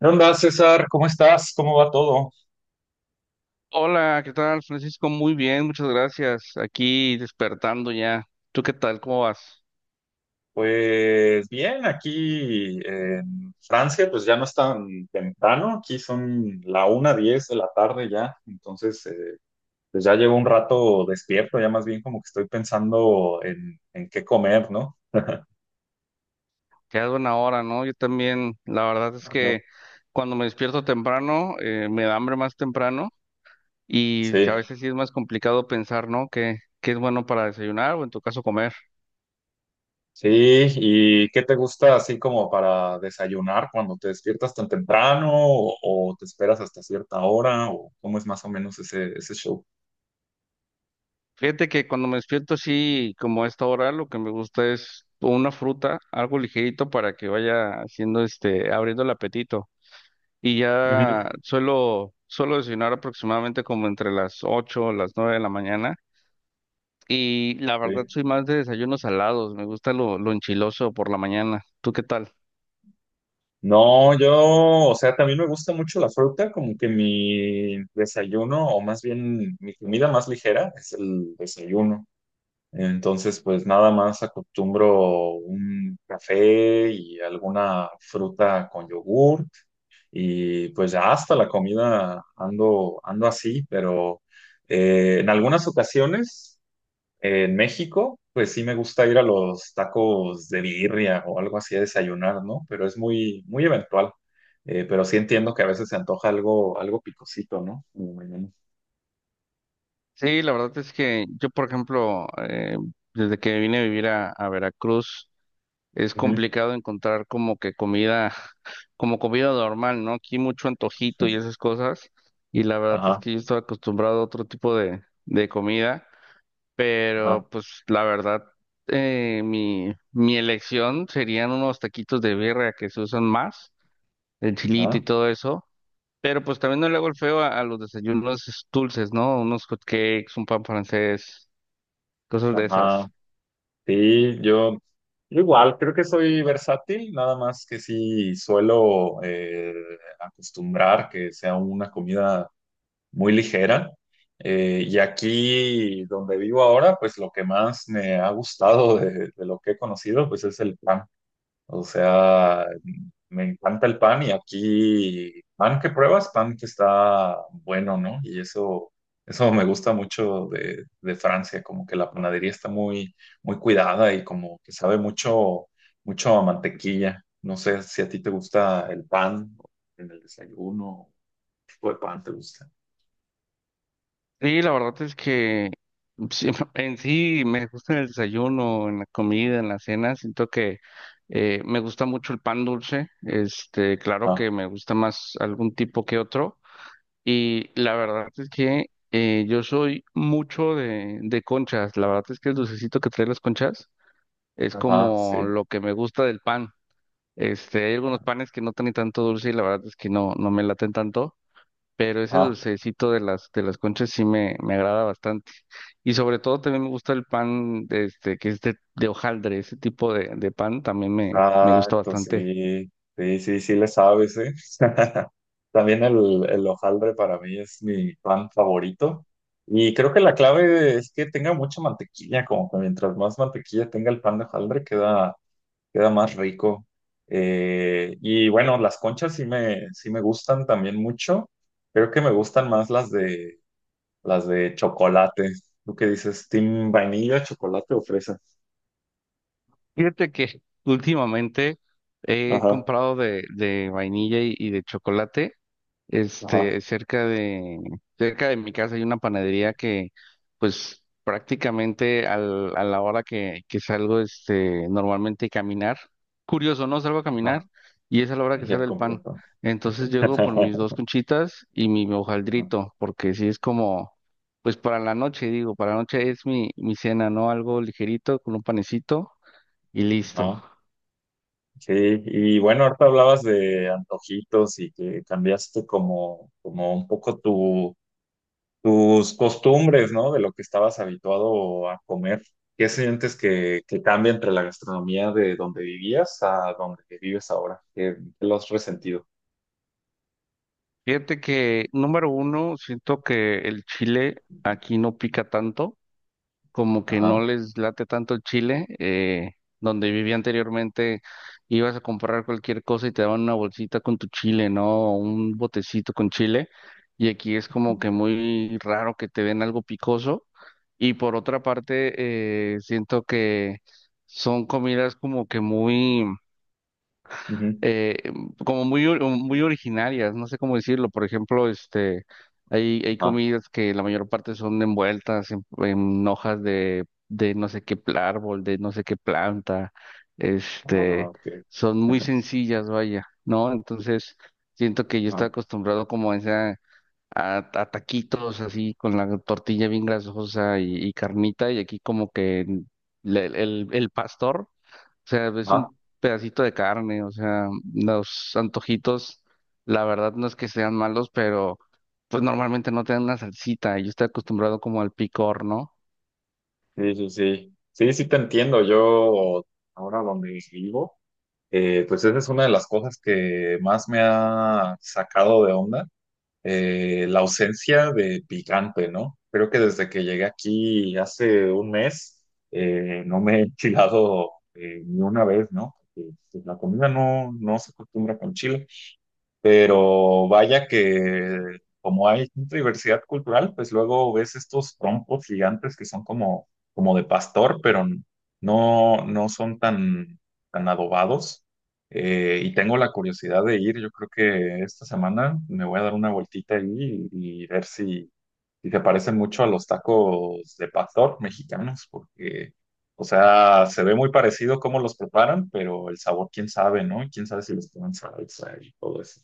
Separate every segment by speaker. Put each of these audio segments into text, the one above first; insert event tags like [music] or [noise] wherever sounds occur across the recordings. Speaker 1: ¿Qué onda, César? ¿Cómo estás? ¿Cómo va todo?
Speaker 2: Hola, ¿qué tal, Francisco? Muy bien, muchas gracias. Aquí despertando ya. ¿Tú qué tal? ¿Cómo vas?
Speaker 1: Pues bien, aquí en Francia, pues ya no es tan temprano, aquí son la 1:10 de la tarde ya, entonces pues ya llevo un rato despierto, ya más bien como que estoy pensando en qué comer, ¿no?
Speaker 2: Quedas buena hora, ¿no? Yo también, la verdad es
Speaker 1: Ajá.
Speaker 2: que cuando me despierto temprano, me da hambre más temprano y a
Speaker 1: Sí,
Speaker 2: veces sí es más complicado pensar, ¿no? ¿Qué es bueno para desayunar o en tu caso comer?
Speaker 1: sí, ¿y qué te gusta así como para desayunar cuando te despiertas tan temprano o te esperas hasta cierta hora o cómo es más o menos ese show?
Speaker 2: Fíjate que cuando me despierto así como a esta hora, lo que me gusta es una fruta, algo ligerito para que vaya haciendo este, abriendo el apetito, y ya
Speaker 1: Ujú.
Speaker 2: suelo desayunar aproximadamente como entre las 8 o las 9 de la mañana. Y la verdad
Speaker 1: Sí.
Speaker 2: soy más de desayunos salados, me gusta lo enchiloso por la mañana. ¿Tú qué tal?
Speaker 1: No, yo, o sea, también me gusta mucho la fruta, como que mi desayuno, o más bien mi comida más ligera, es el desayuno. Entonces, pues nada más acostumbro un café y alguna fruta con yogurt. Y pues ya hasta la comida ando así, pero en algunas ocasiones en México, pues sí me gusta ir a los tacos de birria o algo así a desayunar, ¿no? Pero es muy, muy eventual. Pero sí entiendo que a veces se antoja algo picosito, ¿no? Como mañana.
Speaker 2: Sí, la verdad es que yo, por ejemplo, desde que vine a vivir a Veracruz, es
Speaker 1: Ujú.
Speaker 2: complicado encontrar como que comida, [laughs] como comida normal, ¿no? Aquí mucho antojito y
Speaker 1: [laughs]
Speaker 2: esas cosas. Y la verdad es
Speaker 1: Ajá,
Speaker 2: que yo estaba acostumbrado a otro tipo de comida.
Speaker 1: ajá,
Speaker 2: Pero pues la verdad, mi elección serían unos taquitos de birria que se usan más, el chilito y
Speaker 1: ajá,
Speaker 2: todo eso. Pero pues también no le hago el feo a los desayunos dulces, ¿no? Unos hot cakes, un pan francés, cosas de
Speaker 1: ajá.
Speaker 2: esas.
Speaker 1: Sí, yo igual, creo que soy versátil, nada más que sí suelo acostumbrar que sea una comida muy ligera. Y aquí donde vivo ahora, pues lo que más me ha gustado de lo que he conocido, pues es el pan. O sea, me encanta el pan y aquí pan que pruebas, pan que está bueno, ¿no? Y eso me gusta mucho de Francia, como que la panadería está muy, muy cuidada y como que sabe mucho, mucho a mantequilla. No sé si a ti te gusta el pan en el desayuno, qué tipo de pan te gusta.
Speaker 2: Y la verdad es que sí, [laughs] en sí me gusta en el desayuno, en la comida, en la cena. Siento que me gusta mucho el pan dulce. Este, claro
Speaker 1: Ah.
Speaker 2: que me gusta más algún tipo que otro. Y la verdad es que yo soy mucho de conchas. La verdad es que el dulcecito que trae las conchas es
Speaker 1: Ajá,
Speaker 2: como
Speaker 1: sí.
Speaker 2: lo que me gusta del pan. Este, hay algunos panes que no tienen tanto dulce y la verdad es que no me laten tanto, pero ese
Speaker 1: Ajá,
Speaker 2: dulcecito de de las conchas sí me agrada bastante. Y sobre todo también me gusta el pan de este, que es de hojaldre, ese tipo de pan también me gusta
Speaker 1: exacto,
Speaker 2: bastante.
Speaker 1: sí. Sí, sí, sí le sabes, ¿eh? [laughs] También el hojaldre para mí es mi pan favorito. Y creo que la clave es que tenga mucha mantequilla, como que mientras más mantequilla tenga el pan de hojaldre, queda más rico. Y bueno, las conchas sí me gustan también mucho. Creo que me gustan más las de chocolate. ¿Tú qué dices? ¿Team vainilla, chocolate o fresa?
Speaker 2: Fíjate que [laughs] últimamente he
Speaker 1: Ajá,
Speaker 2: comprado de vainilla y de chocolate.
Speaker 1: ajá,
Speaker 2: Este, cerca de mi casa hay una panadería que, pues, prácticamente a la hora que salgo, este, normalmente a caminar. Curioso, ¿no? Salgo a caminar
Speaker 1: ajá.
Speaker 2: y es a la hora que
Speaker 1: Ya
Speaker 2: sale el pan.
Speaker 1: comportó.
Speaker 2: Entonces
Speaker 1: [laughs]
Speaker 2: llego por
Speaker 1: Ajá,
Speaker 2: mis dos conchitas y mi hojaldrito, porque si es como, pues, para la noche, digo, para la noche es mi cena, ¿no? Algo ligerito con un panecito y listo.
Speaker 1: ajá. Sí, y bueno, ahorita hablabas de antojitos y que cambiaste como un poco tus costumbres, ¿no? De lo que estabas habituado a comer. ¿Qué sientes que cambia entre la gastronomía de donde vivías a donde vives ahora? ¿Qué lo has resentido?
Speaker 2: Fíjate que, número uno, siento que el chile aquí no pica tanto, como que no
Speaker 1: Ajá.
Speaker 2: les late tanto el chile. Donde vivía anteriormente, ibas a comprar cualquier cosa y te daban una bolsita con tu chile, ¿no? O un botecito con chile. Y aquí es como que muy raro que te den algo picoso. Y por otra parte, siento que son comidas como que muy...
Speaker 1: Ujú.
Speaker 2: eh, muy originarias, no sé cómo decirlo. Por ejemplo, este, hay
Speaker 1: Ajá.
Speaker 2: comidas que la mayor parte son envueltas en hojas de no sé qué pl- árbol, de no sé qué planta,
Speaker 1: Ah,
Speaker 2: este,
Speaker 1: ok.
Speaker 2: son muy
Speaker 1: [laughs]
Speaker 2: sencillas, vaya, ¿no? Entonces, siento que yo estaba
Speaker 1: Ajá.
Speaker 2: acostumbrado como a esa... A taquitos así con la tortilla bien grasosa y carnita y aquí como que el pastor, o sea, es
Speaker 1: Ajá.
Speaker 2: un pedacito de carne. O sea, los antojitos, la verdad no es que sean malos, pero pues normalmente no te dan una salsita. Yo estoy acostumbrado como al picor, ¿no?
Speaker 1: Sí, sí, sí. Sí, sí te entiendo. Yo ahora donde vivo. Pues esa es una de las cosas que más me ha sacado de onda, la ausencia de picante, ¿no? Creo que desde que llegué aquí hace un mes, no me he enchilado ni una vez, ¿no? Porque, pues, la comida no se acostumbra con chile. Pero vaya que como hay tanta diversidad cultural, pues luego ves estos trompos gigantes que son como de pastor, pero no son tan adobados. Y tengo la curiosidad de ir, yo creo que esta semana me voy a dar una vueltita ahí y ver si se parecen mucho a los tacos de pastor mexicanos, porque, o sea, se ve muy parecido cómo los preparan, pero el sabor, quién sabe, ¿no? Quién sabe si les ponen salsa y todo eso.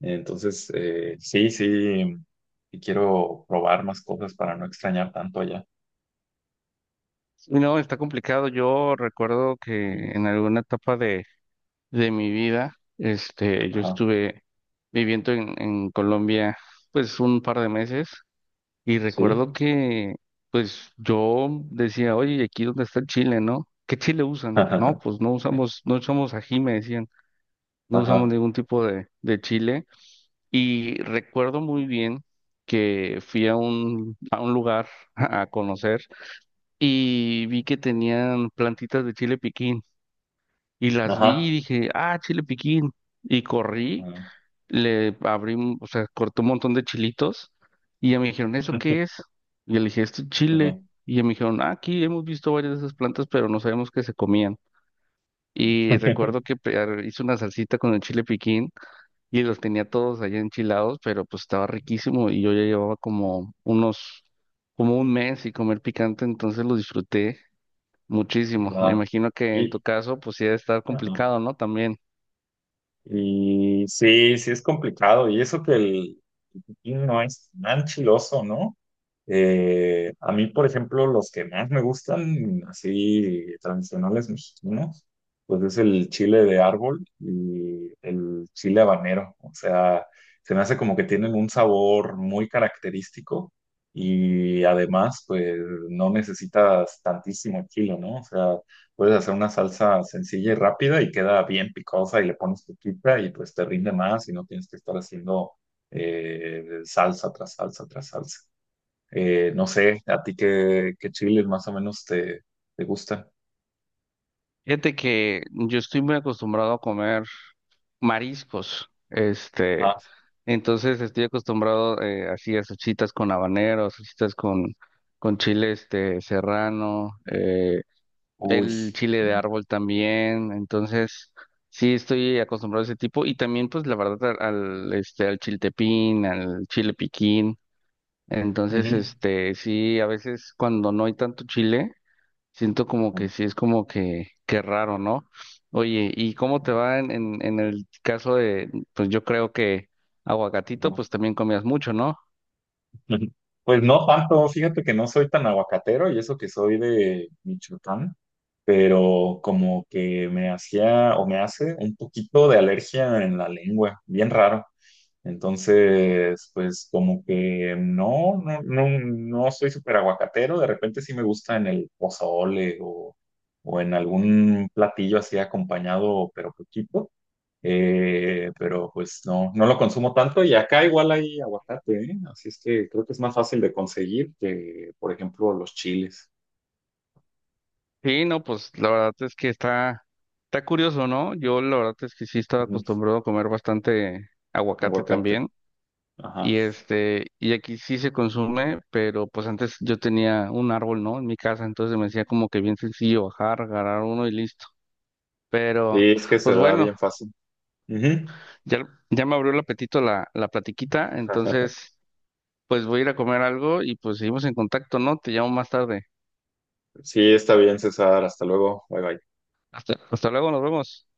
Speaker 1: Entonces, sí, sí, sí quiero probar más cosas para no extrañar tanto allá.
Speaker 2: Y no, está complicado. Yo recuerdo
Speaker 1: Mm.
Speaker 2: que en alguna etapa de mi vida, este, yo
Speaker 1: Ajá,
Speaker 2: estuve viviendo en Colombia, pues un par de meses, y recuerdo
Speaker 1: sí.
Speaker 2: que, pues yo decía, oye, ¿y aquí dónde está el chile, no? ¿Qué chile usan? No,
Speaker 1: [laughs]
Speaker 2: pues no usamos, no usamos ají, me decían. No usamos
Speaker 1: Ajá,
Speaker 2: ningún tipo de chile. Y recuerdo muy bien que fui a un lugar [laughs] a conocer y vi que tenían plantitas de chile piquín. Y las vi y
Speaker 1: ajá,
Speaker 2: dije, ah, chile piquín. Y corrí,
Speaker 1: ajá.
Speaker 2: le abrí, un- o sea, corté un montón de chilitos y ya me dijeron, ¿eso qué
Speaker 1: [laughs]
Speaker 2: es? Y yo le dije, esto es
Speaker 1: Ajá.
Speaker 2: chile. Y ya me dijeron, "Ah, aquí hemos visto varias de esas plantas, pero no sabemos que se comían. Y
Speaker 1: [laughs]
Speaker 2: recuerdo que hice una salsita con el chile piquín y los tenía todos allá enchilados, pero pues estaba riquísimo y yo ya llevaba como un mes sin comer picante, entonces lo disfruté muchísimo. Me
Speaker 1: Ajá.
Speaker 2: imagino que en tu
Speaker 1: Y,
Speaker 2: caso pues sí debe estar
Speaker 1: ajá.
Speaker 2: complicado, ¿no? También.
Speaker 1: Y sí, sí es complicado. Y eso que el pepino no es tan chiloso, ¿no? A mí, por ejemplo, los que más me gustan, así tradicionales mexicanos, pues es el chile de árbol y el chile habanero. O sea, se me hace como que tienen un sabor muy característico y además, pues no necesitas tantísimo chile, ¿no? O sea, puedes hacer una salsa sencilla y rápida y queda bien picosa y le pones tu pizza y pues te rinde más y no tienes que estar haciendo salsa tras salsa tras salsa. No sé, ¿a ti qué chiles más o menos te gustan?
Speaker 2: Fíjate que yo estoy muy acostumbrado a comer mariscos, este,
Speaker 1: Ajá.
Speaker 2: entonces estoy acostumbrado así a salsitas con habanero, salsitas con chile este serrano,
Speaker 1: Uy.
Speaker 2: el chile de
Speaker 1: Ujú.
Speaker 2: árbol también, entonces sí estoy acostumbrado a ese tipo y también pues la verdad este al chiltepín, al chile piquín, entonces
Speaker 1: Ujú.
Speaker 2: este sí a veces cuando no hay tanto chile siento como que
Speaker 1: Ujú.
Speaker 2: sí es como que raro, ¿no? Oye, ¿y cómo te va en el caso de pues yo creo que aguacatito
Speaker 1: Ujú.
Speaker 2: pues también comías mucho, ¿no?
Speaker 1: Ujú. Pues no tanto, fíjate que no soy tan aguacatero y eso que soy de Michoacán, pero como que me hacía o me hace un poquito de alergia en la lengua, bien raro. Entonces, pues como que no soy súper aguacatero, de repente sí me gusta en el pozole o en algún platillo así acompañado, pero poquito. Pero pues no lo consumo tanto y acá igual hay aguacate, ¿eh? Así es que creo que es más fácil de conseguir que, por ejemplo, los chiles.
Speaker 2: Sí, no, pues la verdad es que está curioso, ¿no? Yo la verdad es que sí estaba acostumbrado a comer bastante
Speaker 1: Ujú.
Speaker 2: aguacate
Speaker 1: Aguacate,
Speaker 2: también. Y
Speaker 1: ajá,
Speaker 2: este, y aquí sí se consume, pero pues antes yo tenía un árbol, ¿no? En mi casa, entonces me decía como que bien sencillo bajar, agarrar uno y listo.
Speaker 1: sí,
Speaker 2: Pero,
Speaker 1: es que se
Speaker 2: pues
Speaker 1: da
Speaker 2: bueno,
Speaker 1: bien fácil. Ujú.
Speaker 2: ya me abrió el apetito la platiquita,
Speaker 1: [laughs]
Speaker 2: entonces pues voy a ir a comer algo y pues seguimos en contacto, ¿no? Te llamo más tarde.
Speaker 1: Sí, está bien, César, hasta luego, bye bye.
Speaker 2: Hasta luego, nos vemos.